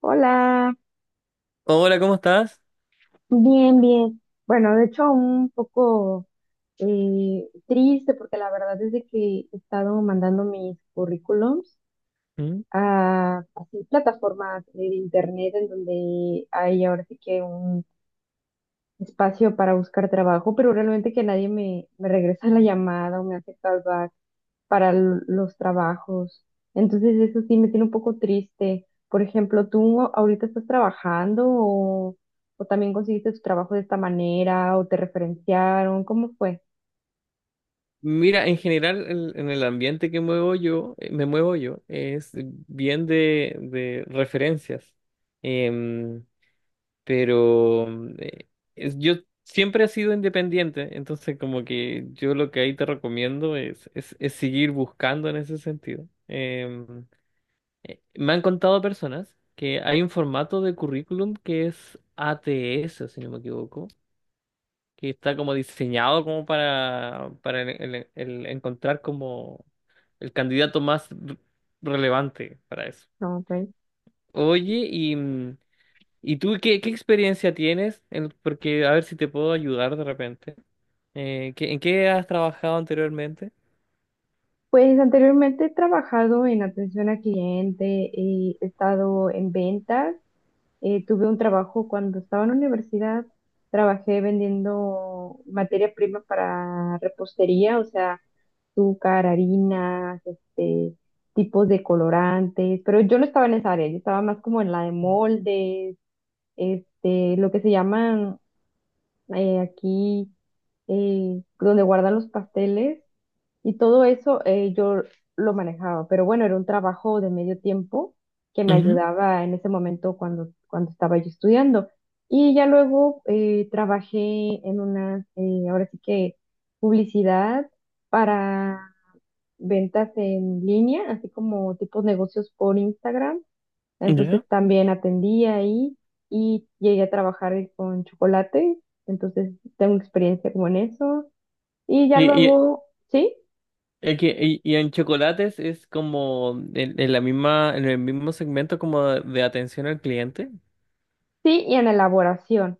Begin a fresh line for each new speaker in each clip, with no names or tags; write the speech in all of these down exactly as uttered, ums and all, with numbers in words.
Hola,
Hola, ¿cómo estás?
bien, bien. Bueno, de hecho, un poco eh, triste porque la verdad es de que he estado mandando mis currículums
¿Mm?
a, así plataformas de internet en donde hay ahora sí que un espacio para buscar trabajo, pero realmente que nadie me, me regresa la llamada o me hace callback para l- los trabajos. Entonces eso sí me tiene un poco triste. Por ejemplo, ¿tú ahorita estás trabajando o, o también conseguiste tu trabajo de esta manera o te referenciaron? ¿Cómo fue?
Mira, en general el- en el ambiente que muevo yo, eh, me muevo yo, es bien de, de referencias. Em, pero eh, es- yo siempre he sido independiente, entonces como que yo lo que ahí te recomiendo es, es, es seguir buscando en ese sentido. Em, Me han contado personas que hay un formato de currículum que es A T S, si no me equivoco, que está como diseñado como para, para el, el- el encontrar como el candidato más re- relevante para eso.
No, ok.
Oye, y, mm, ¿y tú qué, qué experiencia tienes? En- porque a ver si te puedo ayudar de repente. Eh, ¿qué- ¿en qué has trabajado anteriormente?
Pues anteriormente he trabajado en atención a cliente, he estado en ventas. Eh, tuve un trabajo cuando estaba en la universidad, trabajé vendiendo materia prima para repostería, o sea, azúcar, harinas, este, tipos de colorantes, pero yo no estaba en esa área, yo estaba más como en la de moldes, este, lo que se llaman eh, aquí, eh, donde guardan los pasteles, y todo eso eh, yo lo manejaba, pero bueno, era un trabajo de medio tiempo que me
Ujú,
ayudaba en ese momento cuando, cuando estaba yo estudiando. Y ya luego eh, trabajé en una, eh, ahora sí que publicidad para ventas en línea, así como tipos negocios por Instagram. Entonces
ya.
también atendí ahí y llegué a trabajar con chocolate. Entonces tengo experiencia como en eso. Y ya
Y, y,
luego, ¿sí?
es que- y- y en chocolates es como en, en la misma, en el mismo segmento como de atención al cliente.
Sí, y en elaboración.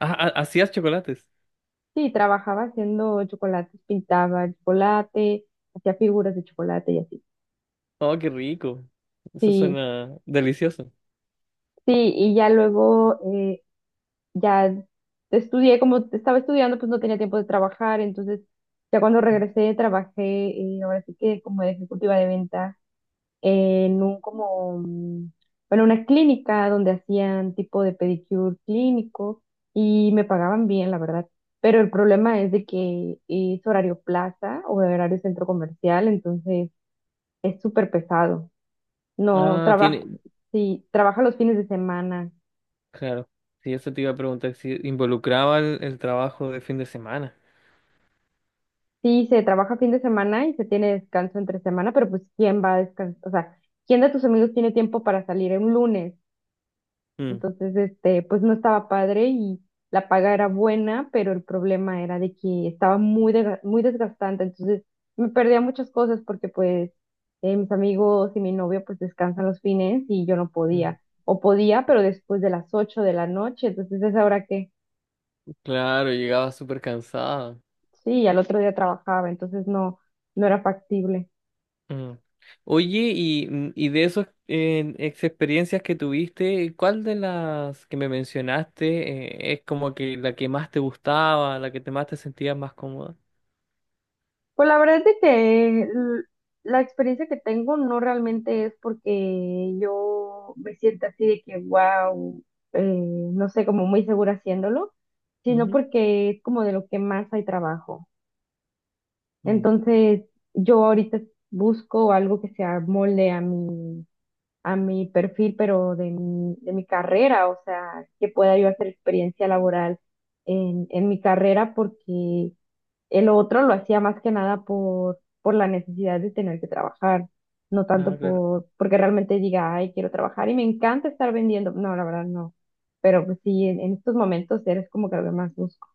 Ah, ah, ¿hacías chocolates?
Sí, trabajaba haciendo chocolates, pintaba el chocolate, hacía figuras de chocolate y así.
Oh, qué rico. Eso
Sí,
suena delicioso.
sí, y ya luego eh, ya estudié, como estaba estudiando, pues no tenía tiempo de trabajar, entonces ya cuando regresé trabajé, eh, ahora sí que como ejecutiva de ventas en un como, mm, bueno, una clínica donde hacían tipo de pedicure clínico y me pagaban bien, la verdad. Pero el problema es de que es horario plaza o horario centro comercial, entonces es súper pesado. No
Ah,
trabaja,
tiene,
sí, trabaja los fines de semana.
claro. Sí, eso te iba a preguntar si involucraba el, el trabajo de fin de semana.
Sí, se trabaja fin de semana y se tiene descanso entre semana, pero pues ¿quién va a descansar? O sea, ¿quién de tus amigos tiene tiempo para salir un lunes?
Mm,
Entonces, este, pues no estaba padre y la paga era buena, pero el problema era de que estaba muy, desga- muy desgastante. Entonces, me perdía muchas cosas porque pues eh, mis amigos y mi novio pues descansan los fines y yo no
mm.
podía. O podía, pero después de las ocho de la noche. Entonces, es ahora que
Claro, llegaba súper cansada.
sí, al otro día trabajaba, entonces no, no era factible.
Mm. Oye, y, mm, y de esas ex experiencias que tuviste, ¿cuál de las que me mencionaste eh, es como que la que más te gustaba, la que te más te sentías más cómoda?
Pues la verdad es de que l- la experiencia que tengo no realmente es porque yo me sienta así de que, wow, no sé, como muy segura haciéndolo, sino
Ujú.
porque es como de lo que más hay trabajo.
Mm.
Entonces, yo ahorita busco algo que se amolde a mi, a mi perfil, pero de mi, de mi carrera, o sea, que pueda yo hacer experiencia laboral en, en mi carrera, porque el otro lo hacía más que nada por, por la necesidad de tener que trabajar, no
Ah,
tanto
claro.
por, porque realmente diga, ay, quiero trabajar y me encanta estar vendiendo. No, la verdad no. Pero pues sí, en, en estos momentos eres como que lo que más busco.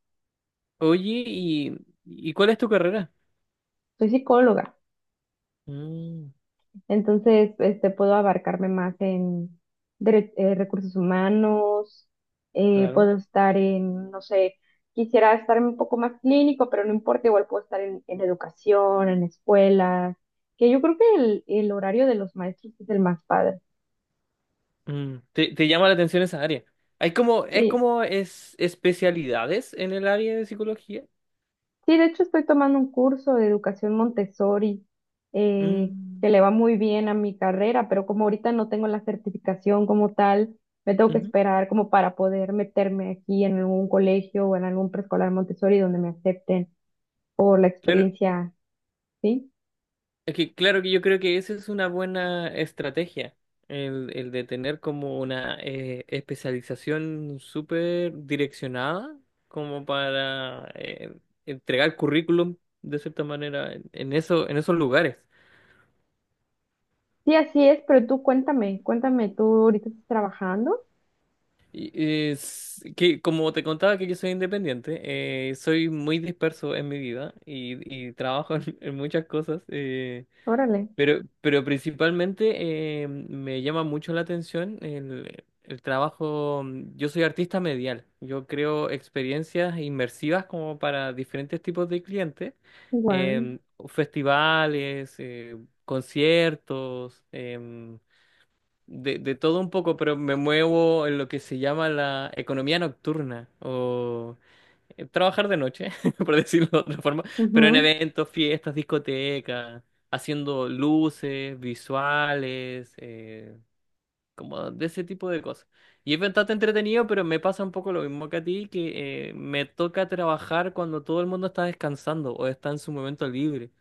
Oye, y, ¿y cuál es tu carrera?
Soy psicóloga.
Mm,
Entonces, este, puedo abarcarme más en dere- eh, recursos humanos, eh,
claro.
puedo estar en, no sé, quisiera estar un poco más clínico, pero no importa, igual puedo estar en, en educación, en escuelas, que yo creo que el, el horario de los maestros es el más padre.
Mm, te, te llama la atención esa área. Hay como, es
Sí.
como es especialidades en el área de psicología.
Sí, de hecho estoy tomando un curso de educación Montessori eh,
Mm,
que le va muy bien a mi carrera, pero como ahorita no tengo la certificación como tal, me tengo que
ujú.
esperar como para poder meterme aquí en algún colegio o en algún preescolar Montessori donde me acepten por la
Claro,
experiencia, ¿sí?
es que, claro que yo creo que esa es una buena estrategia, el, el de tener como una eh, especialización súper direccionada, como para eh, entregar currículum de cierta manera en, en eso, en esos lugares.
Sí, así es, pero tú cuéntame, cuéntame, ¿tú ahorita estás trabajando?
Y, es que como te contaba que yo soy independiente, eh, soy muy disperso en mi vida y, y trabajo en, en muchas cosas, eh,
Órale,
pero, pero principalmente eh, me llama mucho la atención el, el trabajo. Yo soy artista medial, yo creo experiencias inmersivas como para diferentes tipos de clientes,
igual.
em, festivales, eh, conciertos. em, de, de todo un poco, pero me muevo en lo que se llama la economía nocturna o eh, trabajar de noche, por decirlo de otra forma, pero en
Ujú,
eventos, fiestas, discotecas, haciendo luces, visuales, eh, como de ese tipo de cosas. Y es bastante entretenido, pero me pasa un poco lo mismo que a ti, que eh, me toca trabajar cuando todo el mundo está descansando o está en su momento libre.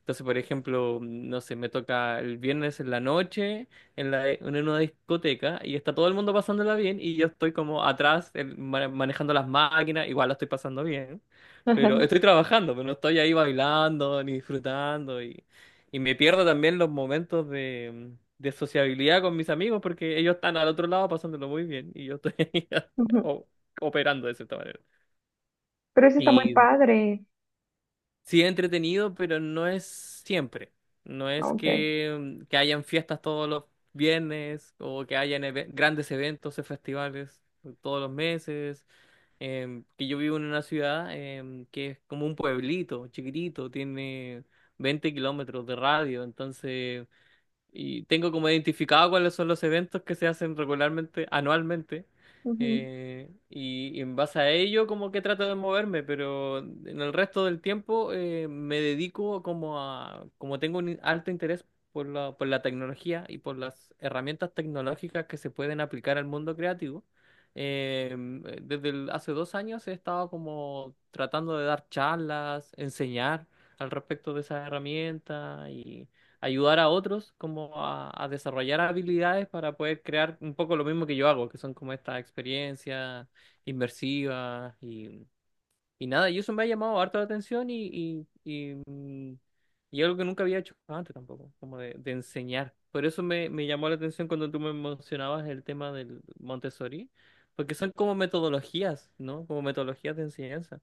Entonces, por ejemplo, no sé, me toca el viernes en la noche en, la, en una discoteca y está todo el mundo pasándola bien y yo estoy como atrás eh, ma- manejando las máquinas, igual la estoy pasando bien, pero estoy trabajando, pero no estoy ahí bailando ni disfrutando, y, y me pierdo también los momentos de, de sociabilidad con mis amigos porque ellos están al otro lado pasándolo muy bien y yo estoy ahí
ujú.
o- operando de cierta manera.
Pero eso está muy padre.
Sí, es entretenido, pero no es siempre. No
Ah,
es
ok.
que, que hayan fiestas todos los viernes o que hayan eve- grandes eventos y festivales todos los meses. Em, que yo vivo en una ciudad em, que es como un pueblito chiquitito, tiene veinte kilómetros de radio. Entonces, y tengo como identificado cuáles son los eventos que se hacen regularmente, anualmente. Eh, y, y en base a ello como que trato de moverme, pero en el resto del tiempo eh, me dedico como a, como tengo un alto interés por la, por la tecnología y por las herramientas tecnológicas que se pueden aplicar al mundo creativo. eh, desde el- Hace dos años he estado como tratando de dar charlas, enseñar al respecto de esas herramientas, ayudar a otros como a, a desarrollar habilidades para poder crear un poco lo mismo que yo hago, que son como estas experiencias inmersivas y, y nada, y eso me ha llamado harto la atención y, y, y, mm, y algo que nunca había hecho antes tampoco, como de, de enseñar. Por eso me, me llamó la atención cuando tú me mencionabas el tema del Montessori, porque son como metodologías, ¿no? Como metodologías de enseñanza.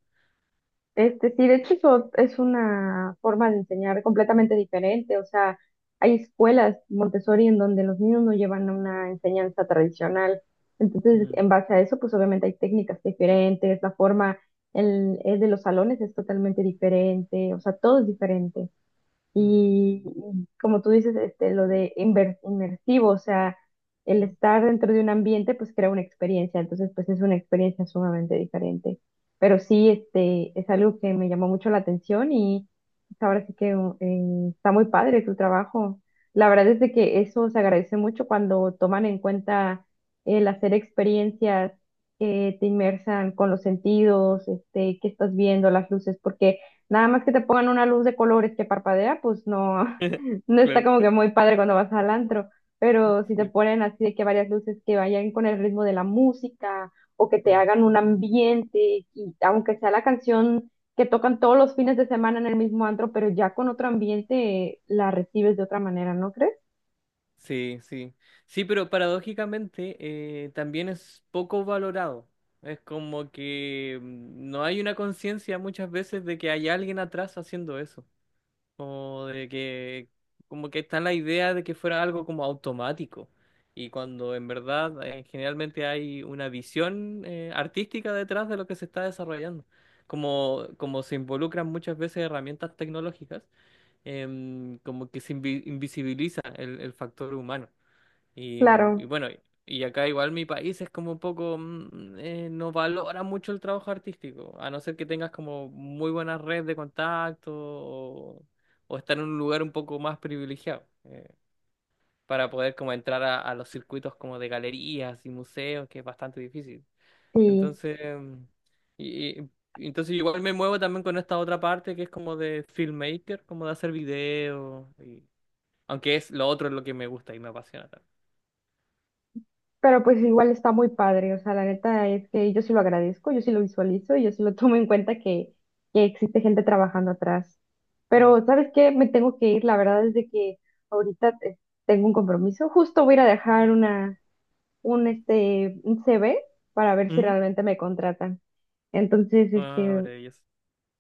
Este, sí, de hecho eso es una forma de enseñar completamente diferente. O sea, hay escuelas Montessori en donde los niños no llevan una enseñanza tradicional. Entonces,
Mm,
en base a eso, pues obviamente hay técnicas diferentes, la forma el, el de los salones es totalmente diferente, o sea, todo es diferente.
mm,
Y y como tú dices, este, lo de inver- inmersivo, o sea, el
mm.
estar dentro de un ambiente, pues crea una experiencia, entonces, pues es una experiencia sumamente diferente. Pero sí, este, es algo que me llamó mucho la atención y pues, ahora sí que uh, eh, está muy padre tu trabajo. La verdad es de que eso se agradece mucho cuando toman en cuenta el hacer experiencias que te inmersan con los sentidos, este, qué estás viendo, las luces, porque nada más que te pongan una luz de colores que parpadea, pues no, no está
Claro.
como que muy padre cuando vas al antro. Pero si te
Sí,
ponen así de que varias luces que vayan con el ritmo de la música o que te
claro.
hagan un ambiente, y aunque sea la canción que tocan todos los fines de semana en el mismo antro, pero ya con otro ambiente la recibes de otra manera, ¿no crees?
Sí, sí. Sí, pero paradójicamente eh, también es poco valorado. Es como que mm, no hay una conciencia muchas veces de que hay alguien atrás haciendo eso. O de que como que está la idea de que fuera algo como automático. Y cuando en verdad eh, generalmente hay una visión eh, artística detrás de lo que se está desarrollando. Como como se involucran muchas veces herramientas tecnológicas, em, como que se invi- invisibiliza el el factor humano. Y, mm, y
Claro,
bueno, y acá igual mi país es como un poco, mm, eh, no valora mucho el trabajo artístico, a no ser que tengas como muy buena red de contacto o, o estar en un lugar un poco más privilegiado eh, para poder como entrar a, a los circuitos como de galerías y museos, que es bastante difícil.
sí.
Entonces, mm, y, y- entonces igual me muevo también con esta otra parte que es como de filmmaker, como de hacer videos, y, aunque es lo otro es lo que me gusta y me apasiona
Pero pues igual está muy padre, o sea, la neta es que yo sí lo agradezco, yo sí lo visualizo y yo sí lo tomo en cuenta que, que existe gente trabajando atrás.
también.
Pero, ¿sabes qué? Me tengo que ir, la verdad es de que ahorita eh, tengo un compromiso, justo voy a ir a dejar una, un, este, un C V para ver si
Mm.
realmente me contratan. Entonces,
Ah,
este,
maravilloso.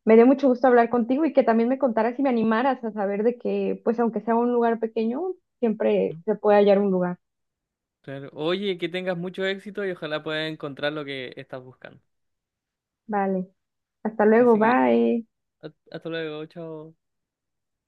me dio mucho gusto hablar contigo y que también me contaras y me animaras a saber de que, pues aunque sea un lugar pequeño, siempre
Mm.
se puede hallar un lugar.
Claro. Oye, que tengas mucho éxito y ojalá puedas encontrar lo que estás buscando.
Vale, hasta luego,
Así que,
bye.
ha- hasta luego, chao.